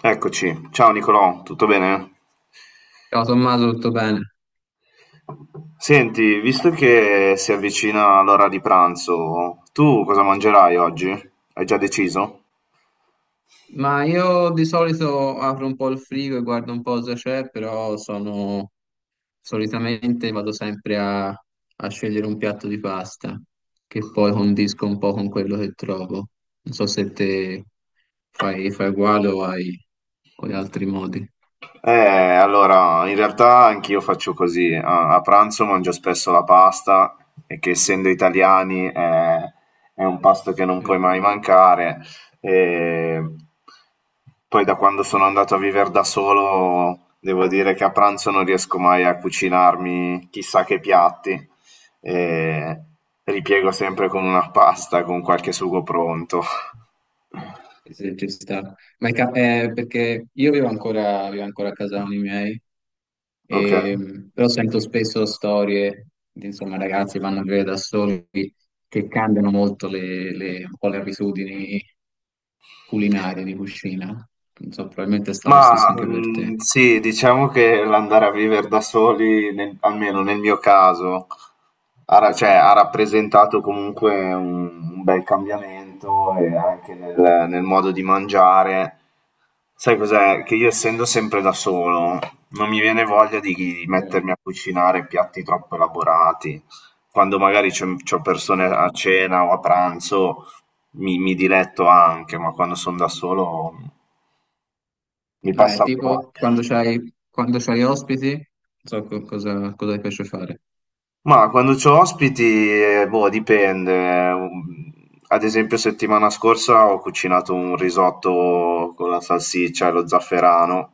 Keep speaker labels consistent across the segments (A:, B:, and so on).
A: Eccoci, ciao Nicolò, tutto bene?
B: Ciao Tommaso, tutto bene?
A: Senti, visto che si avvicina l'ora di pranzo, tu cosa mangerai oggi? Hai già deciso?
B: Ma io di solito apro un po' il frigo e guardo un po' cosa c'è, però sono solitamente vado sempre a scegliere un piatto di pasta che poi condisco un po' con quello che trovo. Non so se te fai uguale o hai con gli altri modi.
A: Eh, allora, in realtà anch'io faccio così. A pranzo mangio spesso la pasta, e che essendo italiani è un pasto che non puoi mai
B: Eh,
A: mancare. E poi da quando sono andato a vivere da solo, devo dire che a pranzo non riesco mai a cucinarmi chissà che piatti. E ripiego sempre con una pasta, con qualche sugo pronto.
B: Se ci sta. Ma è perché io vivo ancora a casa con i miei.
A: Ok.
B: Però sento spesso storie di insomma, ragazzi che vanno a vivere da soli che cambiano molto un po' le abitudini culinarie di cucina. Non so, probabilmente sta lo stesso
A: Ma
B: anche per
A: mhmm,
B: te.
A: sì, diciamo che l'andare a vivere da soli, nel almeno nel mio caso, ha ra cioè ha rappresentato comunque un bel cambiamento e anche nel modo di mangiare. Sai cos'è? Che io, essendo sempre da solo, non mi viene voglia di
B: Sì,
A: mettermi a cucinare piatti troppo elaborati. Quando magari c'ho
B: ci
A: persone a
B: sta.
A: cena o a pranzo mi diletto anche, ma quando son da solo mi passa la
B: Tipo
A: voglia.
B: quando c'hai ospiti, non so cosa ti piace fare.
A: Ma quando c'ho ospiti, boh, dipende. Ad esempio, settimana scorsa ho cucinato un risotto con la salsiccia e lo zafferano,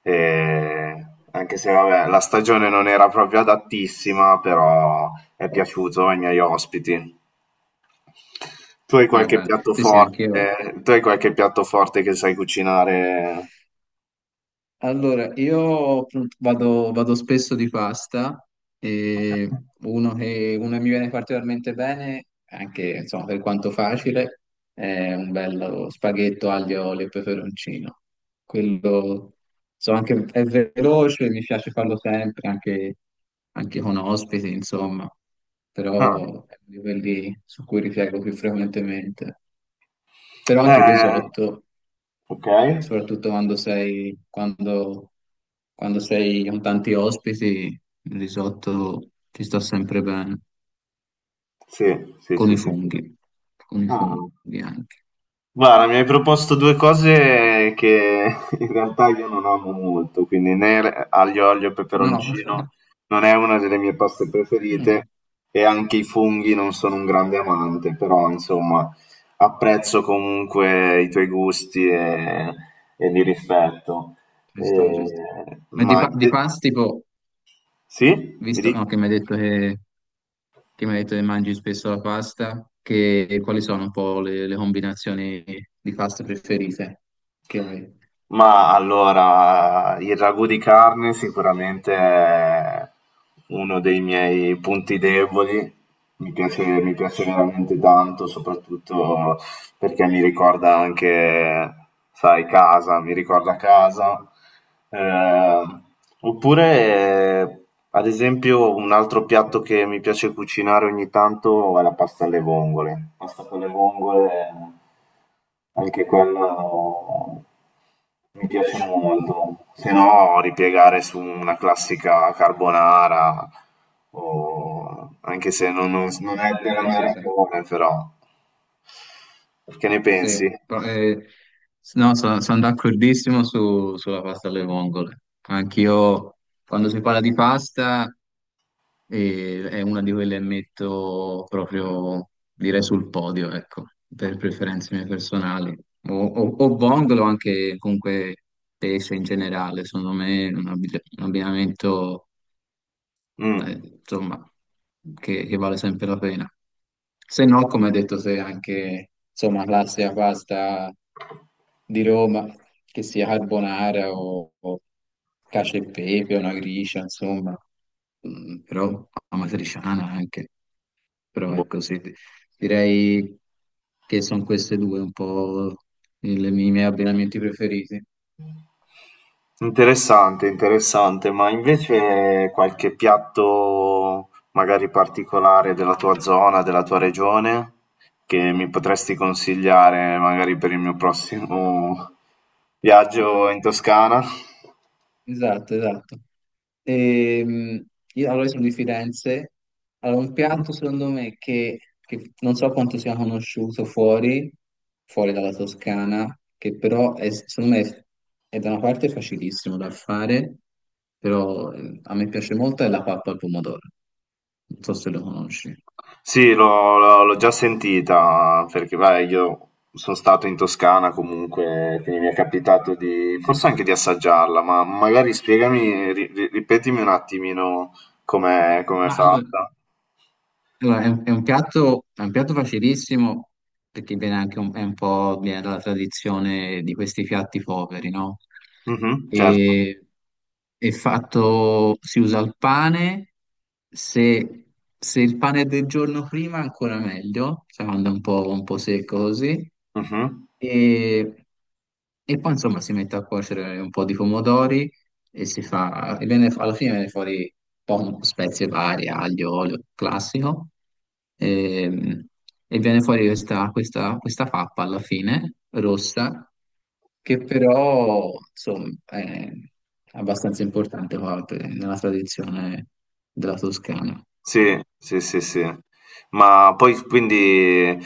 A: e anche se vabbè, la stagione non era proprio adattissima, però è piaciuto ai miei ospiti. Tu hai qualche
B: Beh,
A: piatto
B: sì, sì, anch'io.
A: forte? Tu hai qualche piatto forte che sai cucinare?
B: Allora, io appunto, vado spesso di pasta
A: Ok.
B: e uno che mi viene particolarmente bene, anche insomma, per quanto facile, è un bello spaghetto aglio, olio e peperoncino. Quello insomma, anche, è veloce, mi piace farlo sempre, anche, anche con ospiti, insomma,
A: Ah.
B: però è uno di quelli su cui ripiego più frequentemente. Però anche il
A: Eh,
B: risotto
A: ok.
B: soprattutto quando sei con tanti ospiti, il risotto ti sta sempre bene,
A: Sì, sì,
B: con
A: sì,
B: i
A: sì.
B: funghi, con i
A: Ah.
B: funghi anche.
A: Guarda, mi hai proposto 2 cose che in realtà io non amo molto, quindi né l aglio, olio e
B: No,
A: peperoncino non è una delle mie paste
B: mm,
A: preferite, e anche i funghi non sono un grande amante, però insomma apprezzo comunque i tuoi gusti e li rispetto.
B: ci sto, ci sto.
A: E-
B: Ma
A: ma
B: di pasti, tipo,
A: sì? Mi
B: visto
A: dici?
B: no, che mi hai che mi hai detto che mangi spesso la pasta, che, quali sono un po' le combinazioni di pasta preferite che hai?
A: Ma allora, il ragù di carne sicuramente è uno dei miei punti deboli, mi piace veramente tanto, soprattutto perché mi ricorda anche, sai, casa, mi ricorda casa. Eh, oppure, ad esempio, un altro piatto che mi piace cucinare ogni tanto è la pasta alle vongole. Pasta con le vongole, anche quella mi piace molto. Se no, ripiegare su una classica carbonara, anche se non è della
B: Sì,
A: mia
B: sì, sì.
A: regione, però. Che ne
B: Sì,
A: pensi?
B: pro- eh, no, sono d'accordissimo sulla pasta alle vongole. Anch'io, quando si parla di pasta, è una di quelle che metto proprio, direi, sul podio, ecco, per preferenze mie personali. O vongole o anche comunque pesce in generale, secondo me è un un abbinamento eh,
A: Mh,
B: insomma, che vale sempre la pena. Se no, come hai detto, se anche, insomma, classica pasta di Roma, che sia carbonara o cacio e pepe, una gricia, insomma, mm, però amatriciana anche, però
A: boh.
B: ecco, sì, direi che sono queste due un po' i miei abbinamenti preferiti.
A: Interessante, interessante, ma invece qualche piatto magari particolare della tua zona, della tua regione, che mi potresti consigliare magari per il mio prossimo viaggio in Toscana?
B: Esatto, esatto. Ehm, io allora io sono di Firenze. Allora, un
A: Mh-mh.
B: piatto secondo me che non so quanto sia conosciuto fuori, fuori dalla Toscana, che però è, secondo me è da una parte facilissimo da fare, però a me piace molto è la pappa al pomodoro. Non so se lo conosci.
A: Sì, l'ho già sentita, perché vai, io sono stato in Toscana comunque, quindi mi è capitato di, forse anche di assaggiarla, ma magari spiegami, ripetimi un attimino com'è
B: Ma allora,
A: fatta.
B: Allora, è è un piatto facilissimo perché viene anche un, è un po' viene dalla tradizione di questi piatti poveri, no?
A: Mhm, certo.
B: E, è fatto, si usa il pane, se, se il pane è del giorno prima ancora meglio, se no anda un po' secco così.
A: Mhm.
B: E, e poi insomma si mette a cuocere un po' di pomodori e si fa, e viene, alla fine viene fuori poco, spezie varie, aglio, olio classico, ehm, e, viene fuori questa pappa alla fine, rossa, che però, insomma, è abbastanza importante qua nella tradizione della Toscana.
A: Sì,
B: Eh,
A: sì, sì, sì. Ma poi quindi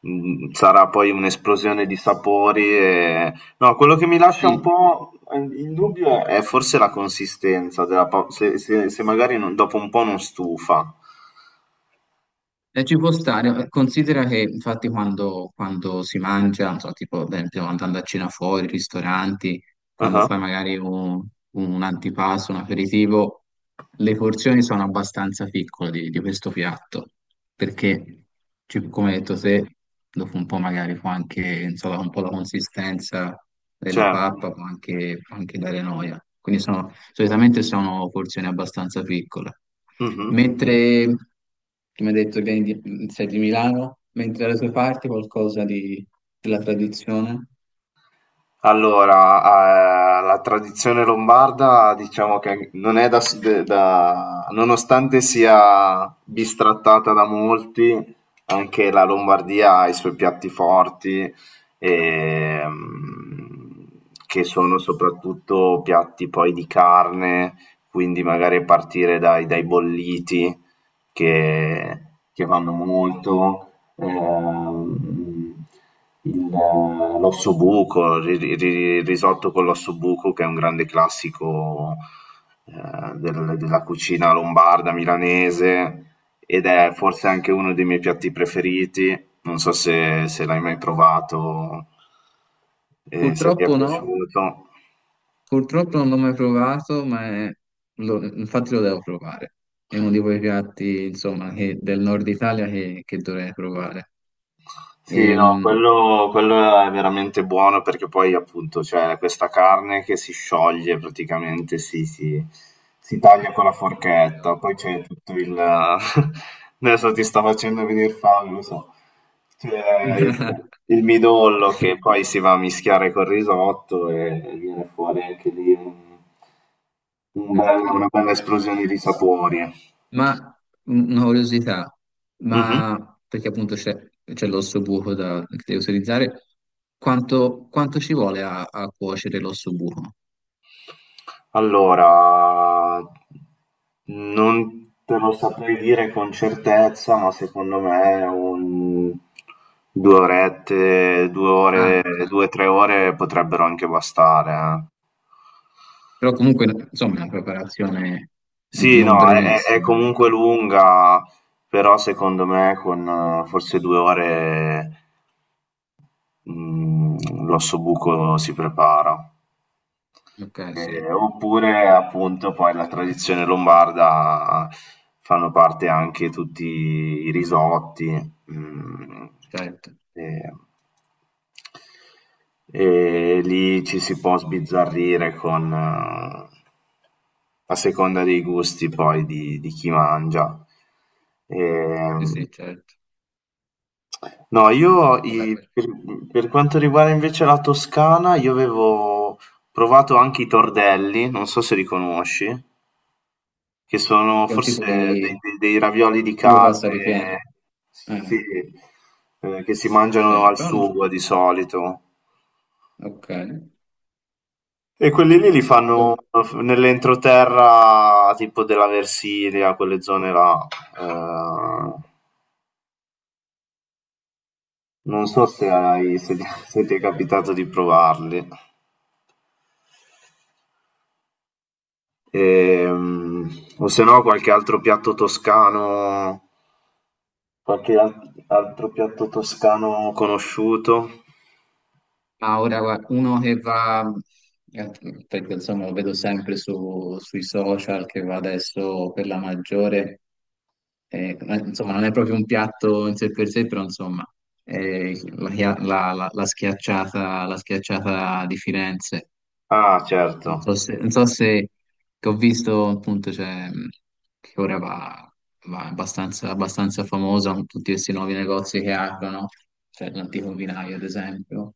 A: sarà poi un'esplosione di sapori e... No, quello che mi lascia un
B: sì,
A: po' in dubbio è forse la consistenza della se, se magari dopo un po' non stufa.
B: e ci può stare, considera che infatti quando si mangia, non so, tipo, ad esempio, andando a cena fuori, ristoranti, quando
A: Ah.
B: fai magari un antipasto, un aperitivo, le porzioni sono abbastanza piccole di questo piatto, perché, come hai detto te, dopo un po' magari può anche, insomma, un po' la consistenza della
A: Certo.
B: pappa può anche dare noia. Quindi sono, solitamente sono porzioni abbastanza piccole.
A: Mhm.
B: Mentre, come hai detto, vieni sei di Milano, mentre dalle tue parti qualcosa della tradizione?
A: Allora, la tradizione lombarda diciamo che non è da, nonostante sia bistrattata da molti, anche la Lombardia ha i suoi piatti forti, ehm, che sono soprattutto piatti poi di carne, quindi magari partire dai bolliti che, che vanno molto, l'ossobuco, il risotto con l'ossobuco, che è un grande classico della cucina lombarda, milanese, ed è forse anche uno dei miei piatti preferiti. Non so se l'hai mai provato e se ti è
B: Purtroppo no,
A: piaciuto.
B: purtroppo non l'ho mai provato, ma è infatti lo devo provare. È uno di quei piatti, insomma, del nord Italia che dovrei provare.
A: Sì, no,
B: Ehm,
A: quello è veramente buono perché poi appunto c'è questa carne che si scioglie praticamente, si taglia con la forchetta, poi
B: Esatto,
A: c'è tutto il adesso ti sta facendo venire fame, lo so. C'è il midollo
B: sì.
A: che poi si va a mischiare col risotto e viene fuori anche lì un bel
B: Ok.
A: una bella esplosione di sapori.
B: Ma una curiosità,
A: Mh-mh.
B: ma perché appunto c'è c'è l'osso buco da, che devo utilizzare, quanto ci vuole a cuocere l'osso buco?
A: Allora, non te lo saprei dire con certezza, ma secondo me un 2 orette, 2
B: Ah,
A: ore,
B: ok.
A: 2-3 ore potrebbero anche bastare,
B: Ok.
A: eh.
B: Però comunque, insomma, è una preparazione
A: Sì,
B: non
A: no, è
B: brevissima,
A: comunque
B: ecco.
A: lunga, però secondo me con forse 2 ore mm, l'ossobuco si prepara.
B: Ok, sì,
A: Oppure appunto poi la tradizione lombarda fanno parte anche tutti i risotti, mhmm,
B: certo,
A: ehm, e lì ci si può sbizzarrire con a seconda dei gusti poi di chi mangia.
B: sì,
A: Ehm.
B: sì, certo.
A: No, io
B: Vabbè,
A: i
B: perché
A: per quanto riguarda invece la Toscana, io avevo provato anche i tordelli, non so se li conosci, che sono
B: è un
A: forse
B: tipo
A: dei
B: di
A: dei dei ravioli di
B: tipo pasta ripiena.
A: carne, sì,
B: Eh,
A: che si mangiano
B: sì,
A: al
B: pronto?
A: sugo di solito.
B: Ok.
A: E quelli lì li
B: E
A: fanno
B: dove?
A: f nell'entroterra tipo della Versilia, quelle zone là. Ehm, non so se ti se ti è capitato di provarli. Ehm, o se no qualche altro piatto toscano, qualche al- altro piatto toscano conosciuto.
B: Ma ora guarda, uno che va, eh, perché insomma lo vedo sempre sui social, che va adesso per la maggiore, eh, insomma non è proprio un piatto in sé per sé, però insomma la schiacciata di Firenze.
A: Ah,
B: Non
A: certo.
B: so se, non so se- Che ho visto appunto cioè, che ora va, va abbastanza, abbastanza famosa con tutti questi nuovi negozi che aprono, cioè l'antico vinaio ad esempio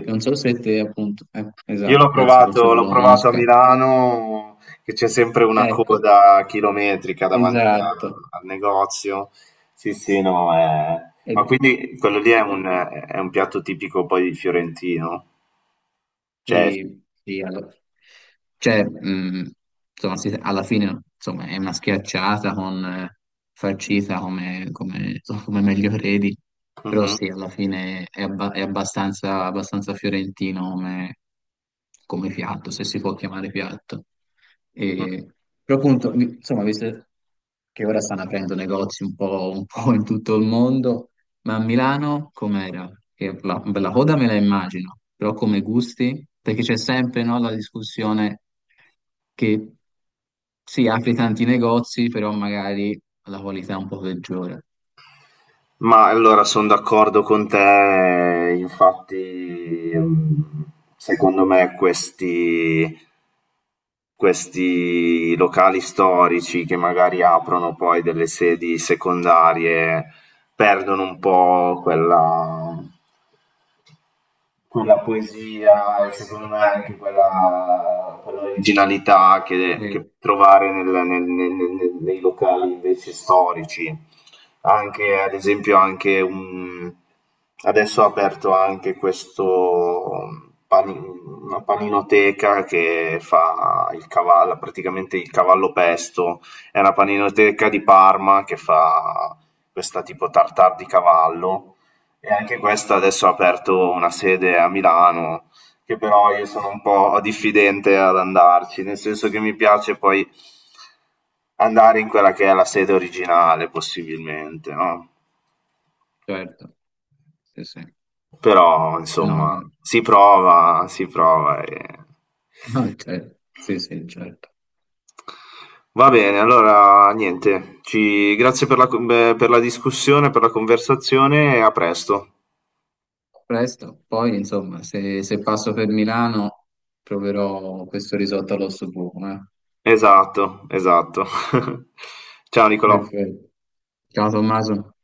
B: che non so se te appunto, esatto, penso forse tu
A: l'ho
B: la
A: provato a
B: conosca.
A: Milano, che c'è sempre una
B: Ecco,
A: coda chilometrica davanti
B: esatto.
A: al negozio. Sì, sì, no, ma
B: E-
A: quindi quello lì è un piatto tipico poi fiorentino. Cioè,
B: sì, sì, cioè, insomma, alla fine insomma, è una schiacciata con farcita come, come, insomma, come meglio credi, però
A: mhm.
B: sì, alla fine è, è abbastanza, abbastanza fiorentino come, come piatto, se si può chiamare piatto. E, però appunto, insomma, visto che ora stanno aprendo negozi un po' in tutto il mondo, ma a Milano com'era? Che la coda me la immagino, però come gusti? Perché c'è sempre, no, la discussione che si apri tanti negozi, però magari la qualità è un po' peggiore.
A: Ma allora sono d'accordo con te, infatti secondo me questi locali storici che magari aprono poi delle sedi secondarie perdono un po' quella poesia, e secondo me anche quella originalità che
B: Sì,
A: trovare nei locali invece storici. Anche, ad esempio, anche un... adesso ho aperto anche questo pani- una paninoteca che fa il cavallo, praticamente il cavallo pesto. È una paninoteca di Parma che fa questa tipo tartar di cavallo, e anche questa adesso ha aperto una sede a Milano, che però io sono un po' diffidente ad andarci, nel senso che mi piace poi andare in quella che è la sede originale, possibilmente, no?
B: certo, sì, sì.
A: Però,
B: No,
A: insomma, si prova e...
B: no, certo. Sì, sì, certo.
A: Va bene, allora niente, ci... grazie per per la discussione, per la conversazione, e a presto.
B: Presto, poi insomma, se passo per Milano proverò questo risotto all'osso buco. Eh.
A: Esatto, esatto. Ciao Nicolò.
B: Perfetto. Ciao Tommaso.